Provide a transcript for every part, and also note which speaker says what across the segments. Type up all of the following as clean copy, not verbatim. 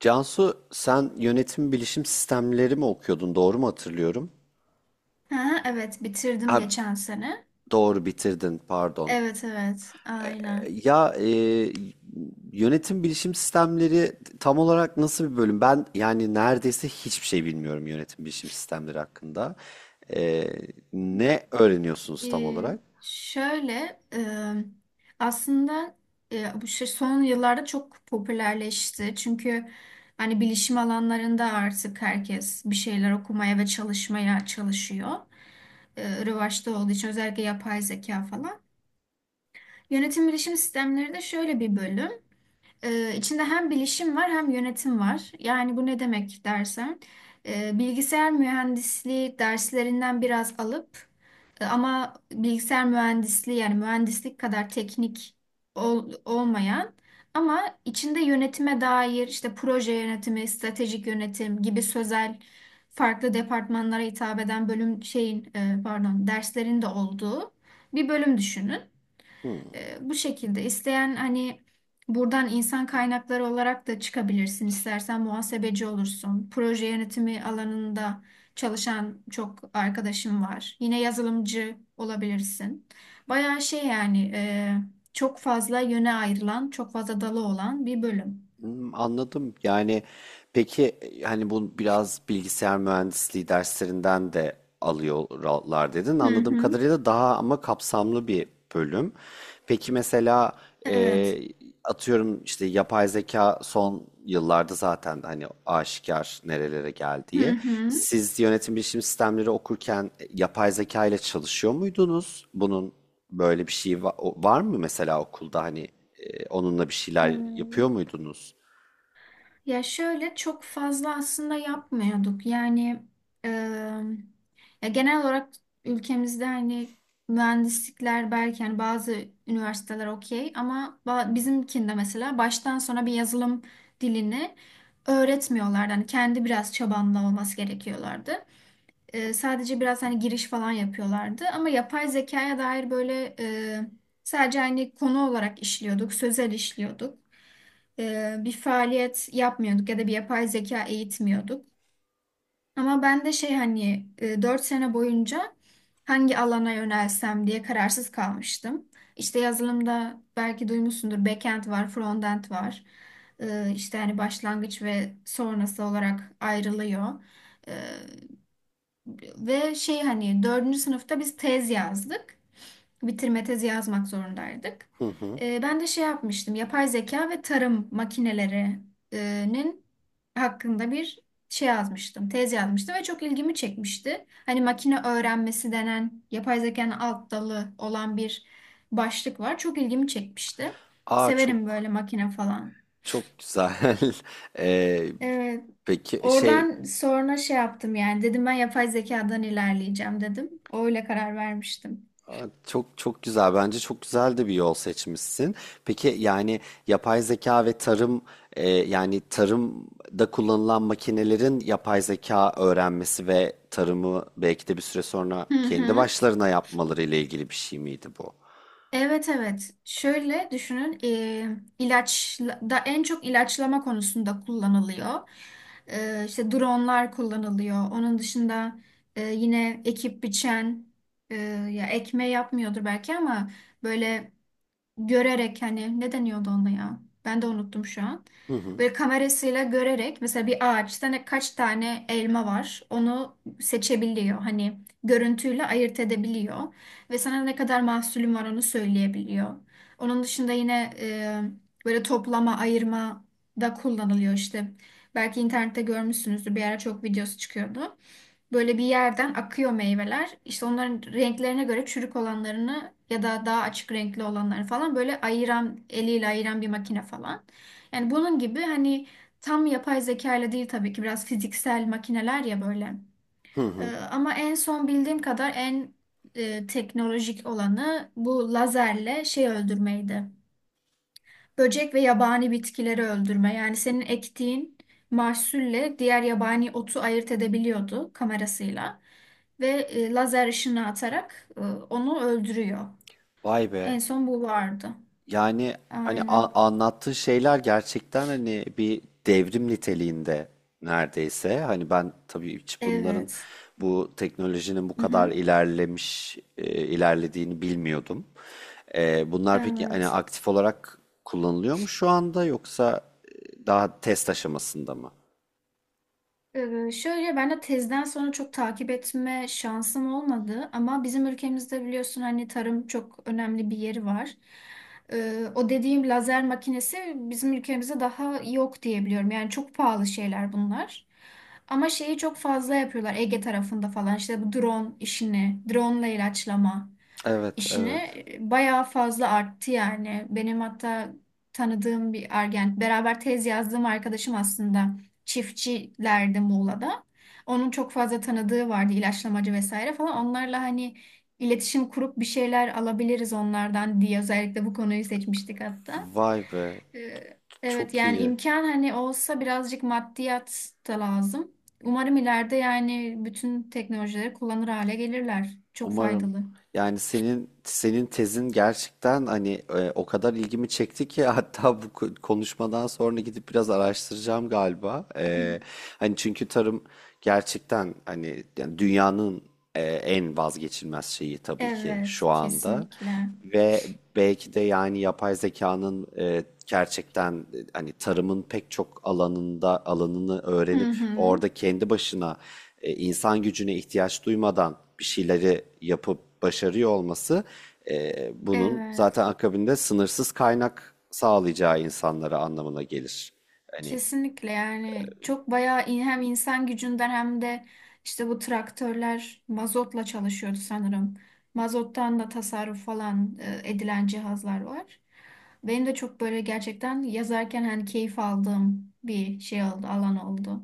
Speaker 1: Cansu, sen yönetim bilişim sistemleri mi okuyordun, doğru mu hatırlıyorum?
Speaker 2: Ha, evet, bitirdim
Speaker 1: Ha,
Speaker 2: geçen sene.
Speaker 1: doğru bitirdin, pardon.
Speaker 2: Evet, evet,
Speaker 1: E,
Speaker 2: aynen.
Speaker 1: Ya e, Yönetim bilişim sistemleri tam olarak nasıl bir bölüm? Ben yani neredeyse hiçbir şey bilmiyorum yönetim bilişim sistemleri hakkında. E, Ne öğreniyorsunuz tam
Speaker 2: Ee,
Speaker 1: olarak?
Speaker 2: Şöyle aslında bu şey son yıllarda çok popülerleşti. Çünkü hani bilişim alanlarında artık herkes bir şeyler okumaya ve çalışmaya çalışıyor. Revaçta olduğu için özellikle yapay zeka falan. Yönetim bilişim sistemleri de şöyle bir bölüm. İçinde hem bilişim var hem yönetim var. Yani bu ne demek dersen, bilgisayar mühendisliği derslerinden biraz alıp ama bilgisayar mühendisliği yani mühendislik kadar teknik olmayan ama içinde yönetime dair işte proje yönetimi, stratejik yönetim gibi sözel farklı departmanlara hitap eden bölüm şeyin pardon derslerin de olduğu bir bölüm düşünün.
Speaker 1: Hmm.
Speaker 2: Bu şekilde isteyen hani buradan insan kaynakları olarak da çıkabilirsin. İstersen muhasebeci olursun. Proje yönetimi alanında çalışan çok arkadaşım var. Yine yazılımcı olabilirsin. Bayağı şey yani, çok fazla yöne ayrılan, çok fazla dalı olan bir bölüm.
Speaker 1: Hmm, anladım. Yani peki, hani bu biraz bilgisayar mühendisliği derslerinden de alıyorlar dedin.
Speaker 2: Hı
Speaker 1: Anladığım
Speaker 2: hı.
Speaker 1: kadarıyla daha ama kapsamlı bir bölüm. Peki mesela, e,
Speaker 2: Evet.
Speaker 1: atıyorum işte yapay zeka son yıllarda zaten hani aşikar nerelere geldiği.
Speaker 2: Hı
Speaker 1: Siz yönetim bilişim sistemleri okurken, yapay zeka ile çalışıyor muydunuz? Bunun böyle bir şeyi var mı mesela okulda, hani, onunla bir şeyler yapıyor
Speaker 2: hı.
Speaker 1: muydunuz?
Speaker 2: Ya şöyle çok fazla aslında yapmıyorduk. Yani e, ya genel olarak ülkemizde hani mühendislikler belki hani bazı üniversiteler okey ama bizimkinde mesela baştan sona bir yazılım dilini öğretmiyorlardı. Hani kendi biraz çabanla olması gerekiyorlardı. E, sadece biraz hani giriş falan yapıyorlardı. Ama yapay zekaya dair böyle, sadece hani konu olarak işliyorduk, sözel işliyorduk, bir faaliyet yapmıyorduk ya da bir yapay zeka eğitmiyorduk. Ama ben de şey hani 4 sene boyunca hangi alana yönelsem diye kararsız kalmıştım. İşte yazılımda belki duymuşsundur backend var, frontend var. E, işte hani başlangıç ve sonrası olarak ayrılıyor. E, Ve şey hani dördüncü sınıfta biz tez yazdık, bitirme tezi yazmak zorundaydık.
Speaker 1: Hı hı.
Speaker 2: Ben de şey yapmıştım, yapay zeka ve tarım makinelerinin hakkında bir şey yazmıştım, tez yazmıştım ve çok ilgimi çekmişti. Hani makine öğrenmesi denen yapay zekanın alt dalı olan bir başlık var. Çok ilgimi çekmişti.
Speaker 1: Aa,
Speaker 2: Severim
Speaker 1: çok
Speaker 2: böyle makine falan.
Speaker 1: çok güzel. Ee,
Speaker 2: Evet.
Speaker 1: peki şey
Speaker 2: Oradan sonra şey yaptım, yani dedim ben yapay zekadan ilerleyeceğim dedim. Öyle karar vermiştim.
Speaker 1: Aa, çok çok güzel. Bence çok güzel de bir yol seçmişsin. Peki yani, yapay zeka ve tarım, yani tarımda kullanılan makinelerin yapay zeka öğrenmesi ve tarımı belki de bir süre sonra
Speaker 2: Hı
Speaker 1: kendi
Speaker 2: hı.
Speaker 1: başlarına yapmaları ile ilgili bir şey miydi bu?
Speaker 2: Evet, evet. Şöyle düşünün, ilaç da en çok ilaçlama konusunda kullanılıyor. E, işte dronlar kullanılıyor. Onun dışında yine ekip biçen, e, ya ekmeği yapmıyordur belki ama böyle görerek hani ne deniyordu ona ya? Ben de unuttum şu an.
Speaker 1: Hı hı.
Speaker 2: Böyle kamerasıyla görerek mesela bir ağaçta ne kaç tane elma var onu seçebiliyor. Hani görüntüyle ayırt edebiliyor ve sana ne kadar mahsulün var onu söyleyebiliyor. Onun dışında yine böyle toplama, ayırma da kullanılıyor işte. Belki internette görmüşsünüzdür. Bir ara çok videosu çıkıyordu. Böyle bir yerden akıyor meyveler. İşte onların renklerine göre çürük olanlarını ya da daha açık renkli olanları falan böyle ayıran, eliyle ayıran bir makine falan. Yani bunun gibi hani tam yapay zeka ile değil tabii ki, biraz fiziksel makineler ya böyle.
Speaker 1: Hı hı.
Speaker 2: Ama en son bildiğim kadar en teknolojik olanı bu lazerle şey öldürmeydi. Böcek ve yabani bitkileri öldürme. Yani senin ektiğin mahsulle diğer yabani otu ayırt edebiliyordu kamerasıyla. Ve lazer ışını atarak onu öldürüyor.
Speaker 1: Vay be.
Speaker 2: En son bu vardı.
Speaker 1: Yani hani
Speaker 2: Aynen.
Speaker 1: anlattığı şeyler gerçekten hani bir devrim niteliğinde neredeyse. Hani ben tabii hiç bunların,
Speaker 2: Evet.
Speaker 1: bu teknolojinin bu
Speaker 2: Hı
Speaker 1: kadar
Speaker 2: hı.
Speaker 1: ilerlemiş, ilerlediğini bilmiyordum. Bunlar peki hani
Speaker 2: Evet.
Speaker 1: aktif olarak kullanılıyor mu şu anda, yoksa daha test aşamasında mı?
Speaker 2: Şöyle ben de tezden sonra çok takip etme şansım olmadı ama bizim ülkemizde biliyorsun hani tarım çok önemli bir yeri var. O dediğim lazer makinesi bizim ülkemizde daha yok diye biliyorum. Yani çok pahalı şeyler bunlar. Ama şeyi çok fazla yapıyorlar Ege tarafında falan, işte bu drone işini, drone ile ilaçlama
Speaker 1: Evet,
Speaker 2: işini
Speaker 1: evet.
Speaker 2: bayağı fazla arttı yani. Benim hatta tanıdığım bir argen beraber tez yazdığım arkadaşım aslında çiftçilerdi Muğla'da. Onun çok fazla tanıdığı vardı ilaçlamacı vesaire falan. Onlarla hani iletişim kurup bir şeyler alabiliriz onlardan diye özellikle bu konuyu seçmiştik hatta.
Speaker 1: Vay be.
Speaker 2: Evet
Speaker 1: Çok
Speaker 2: yani
Speaker 1: iyi.
Speaker 2: imkan hani olsa birazcık maddiyat da lazım. Umarım ileride yani bütün teknolojileri kullanır hale gelirler. Çok
Speaker 1: Umarım.
Speaker 2: faydalı.
Speaker 1: Yani senin tezin gerçekten hani, o kadar ilgimi çekti ki hatta bu konuşmadan sonra gidip biraz araştıracağım galiba. Hani çünkü tarım gerçekten hani yani dünyanın, en vazgeçilmez şeyi tabii ki
Speaker 2: Evet,
Speaker 1: şu anda.
Speaker 2: kesinlikle.
Speaker 1: Ve belki de yani yapay zekanın, gerçekten, hani tarımın pek çok alanında alanını
Speaker 2: Hı
Speaker 1: öğrenip
Speaker 2: hı.
Speaker 1: orada kendi başına, insan gücüne ihtiyaç duymadan bir şeyleri yapıp başarıyor olması, bunun
Speaker 2: Evet.
Speaker 1: zaten akabinde sınırsız kaynak sağlayacağı insanlara anlamına gelir. Hani
Speaker 2: Kesinlikle yani, çok bayağı hem insan gücünden hem de işte bu traktörler mazotla çalışıyordu sanırım. Mazottan da tasarruf falan edilen cihazlar var. Benim de çok böyle gerçekten yazarken hani keyif aldığım bir şey oldu, alan oldu.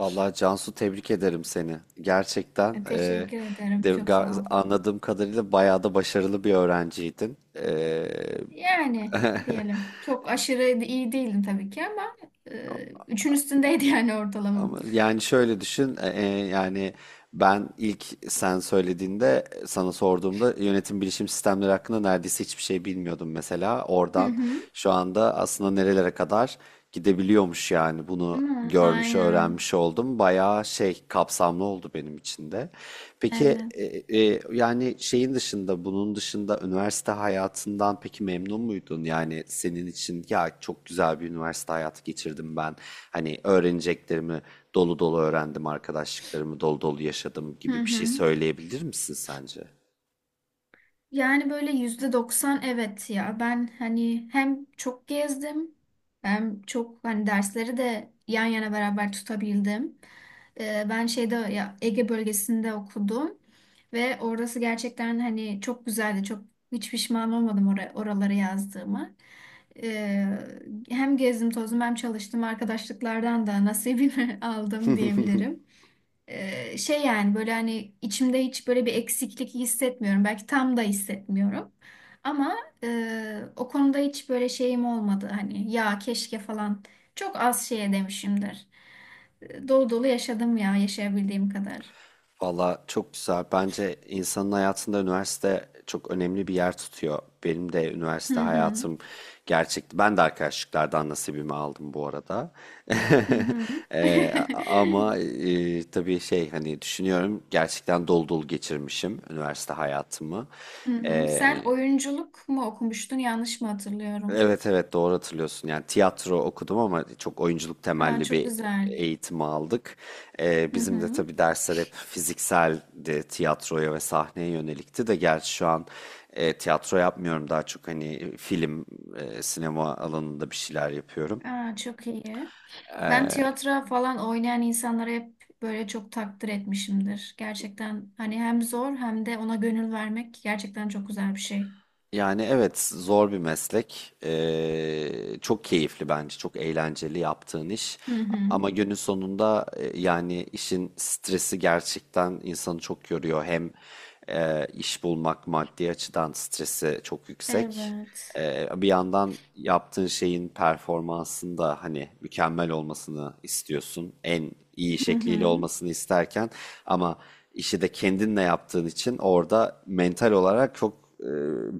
Speaker 1: vallahi Cansu, tebrik ederim seni. Gerçekten,
Speaker 2: Teşekkür ederim. Çok sağ ol.
Speaker 1: anladığım kadarıyla bayağı da başarılı bir öğrenciydin.
Speaker 2: Yani diyelim çok aşırı iyi değildim tabii ki, ama üçün üstündeydi yani ortalamam.
Speaker 1: Ama yani şöyle düşün, yani ben ilk sen söylediğinde sana sorduğumda yönetim bilişim sistemleri hakkında neredeyse hiçbir şey bilmiyordum mesela.
Speaker 2: Hı
Speaker 1: Oradan
Speaker 2: hı.
Speaker 1: şu anda aslında nerelere kadar gidebiliyormuş yani, bunu
Speaker 2: Değil mi?
Speaker 1: görmüş,
Speaker 2: Aynen.
Speaker 1: öğrenmiş oldum. Bayağı şey kapsamlı oldu benim içinde. Peki
Speaker 2: Evet.
Speaker 1: e, e, yani şeyin dışında, bunun dışında üniversite hayatından peki memnun muydun? Yani senin için "ya çok güzel bir üniversite hayatı geçirdim ben. Hani öğreneceklerimi dolu dolu öğrendim, arkadaşlıklarımı dolu dolu yaşadım"
Speaker 2: Hı
Speaker 1: gibi bir şey
Speaker 2: hı.
Speaker 1: söyleyebilir misin sence?
Speaker 2: Yani böyle %90 evet ya. Ben hani hem çok gezdim hem çok hani dersleri de yan yana beraber tutabildim. Ben şeyde ya Ege bölgesinde okudum ve orası gerçekten hani çok güzeldi. Çok, hiç pişman olmadım oraya, oraları yazdığımı. Ee, Hem gezdim tozdum hem çalıştım, arkadaşlıklardan da nasibimi aldım diyebilirim. Şey yani böyle hani içimde hiç böyle bir eksiklik hissetmiyorum. Belki tam da hissetmiyorum. Ama o konuda hiç böyle şeyim olmadı. Hani ya keşke falan çok az şeye demişimdir. Dolu dolu yaşadım ya, yaşayabildiğim kadar.
Speaker 1: Valla çok güzel. Bence insanın hayatında üniversite çok önemli bir yer tutuyor. Benim de
Speaker 2: Hı
Speaker 1: üniversite
Speaker 2: hı.
Speaker 1: hayatım gerçekti. Ben de arkadaşlıklardan nasibimi aldım bu arada.
Speaker 2: Hı hı.
Speaker 1: Eee, ama eee, tabii şey hani, düşünüyorum, gerçekten dolu dolu geçirmişim üniversite hayatımı.
Speaker 2: Hı hı. Sen
Speaker 1: Ee,
Speaker 2: oyunculuk mu okumuştun? Yanlış mı hatırlıyorum?
Speaker 1: Evet evet, doğru hatırlıyorsun. Yani tiyatro okudum ama çok oyunculuk
Speaker 2: Aa
Speaker 1: temelli
Speaker 2: çok
Speaker 1: bir
Speaker 2: güzel.
Speaker 1: eğitimi aldık.
Speaker 2: Hı
Speaker 1: Bizim de
Speaker 2: hı.
Speaker 1: tabii dersler hep fizikseldi, tiyatroya ve sahneye yönelikti de, gerçi şu an tiyatro yapmıyorum, daha çok hani film, sinema alanında bir şeyler yapıyorum.
Speaker 2: Aa çok iyi. Ben tiyatro falan oynayan insanlara hep böyle çok takdir etmişimdir. Gerçekten hani hem zor hem de ona gönül vermek gerçekten çok güzel bir şey.
Speaker 1: Yani evet, zor bir meslek. Çok keyifli bence. Çok eğlenceli yaptığın iş.
Speaker 2: Hı hı.
Speaker 1: Ama günün sonunda, yani işin stresi gerçekten insanı çok yoruyor. Hem iş bulmak maddi açıdan stresi çok yüksek.
Speaker 2: Evet.
Speaker 1: Bir yandan yaptığın şeyin performansında hani mükemmel olmasını istiyorsun. En iyi
Speaker 2: Hı
Speaker 1: şekliyle
Speaker 2: hı.
Speaker 1: olmasını isterken, ama işi de kendinle yaptığın için orada mental olarak çok, e,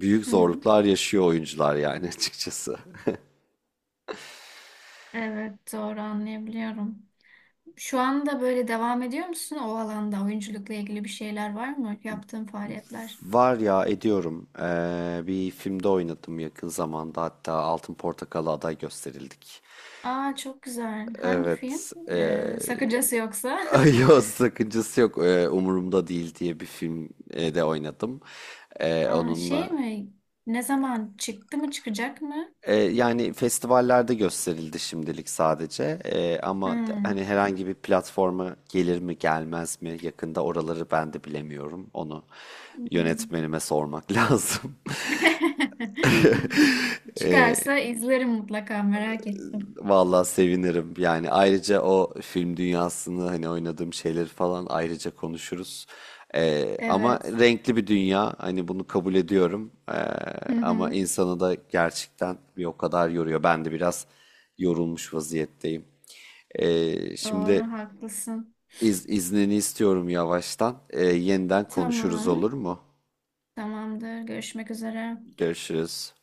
Speaker 1: büyük
Speaker 2: Hı hı.
Speaker 1: zorluklar yaşıyor oyuncular yani açıkçası.
Speaker 2: Evet, doğru anlayabiliyorum. Şu anda böyle devam ediyor musun o alanda? Oyunculukla ilgili bir şeyler var mı? Yaptığın faaliyetler.
Speaker 1: Var ya, ediyorum. Bir filmde oynadım yakın zamanda, hatta Altın Portakal'a aday gösterildik.
Speaker 2: Aa çok güzel. Hangi film?
Speaker 1: Evet.
Speaker 2: Sakıncası yoksa.
Speaker 1: Ay, yok, sakıncası yok. Umurumda Değil diye bir filmde oynadım,
Speaker 2: Aa, şey
Speaker 1: Onunla.
Speaker 2: mi? Ne zaman çıktı mı çıkacak mı?
Speaker 1: Yani festivallerde gösterildi şimdilik sadece. Ama
Speaker 2: Hmm.
Speaker 1: hani herhangi bir platforma gelir mi gelmez mi yakında, oraları ben de bilemiyorum, onu
Speaker 2: Hmm.
Speaker 1: yönetmenime sormak lazım.
Speaker 2: Çıkarsa izlerim mutlaka, merak ettim.
Speaker 1: Vallahi sevinirim. Yani ayrıca o film dünyasını, hani oynadığım şeyleri falan ayrıca konuşuruz. Ama
Speaker 2: Evet.
Speaker 1: renkli bir dünya. Hani bunu kabul ediyorum.
Speaker 2: Hı
Speaker 1: Ama
Speaker 2: hı.
Speaker 1: insanı da gerçekten bir o kadar yoruyor. Ben de biraz yorulmuş vaziyetteyim. Ee, şimdi
Speaker 2: Doğru haklısın.
Speaker 1: iz, iznini istiyorum yavaştan. Yeniden konuşuruz,
Speaker 2: Tamam.
Speaker 1: olur mu?
Speaker 2: Tamamdır. Görüşmek üzere.
Speaker 1: Görüşürüz.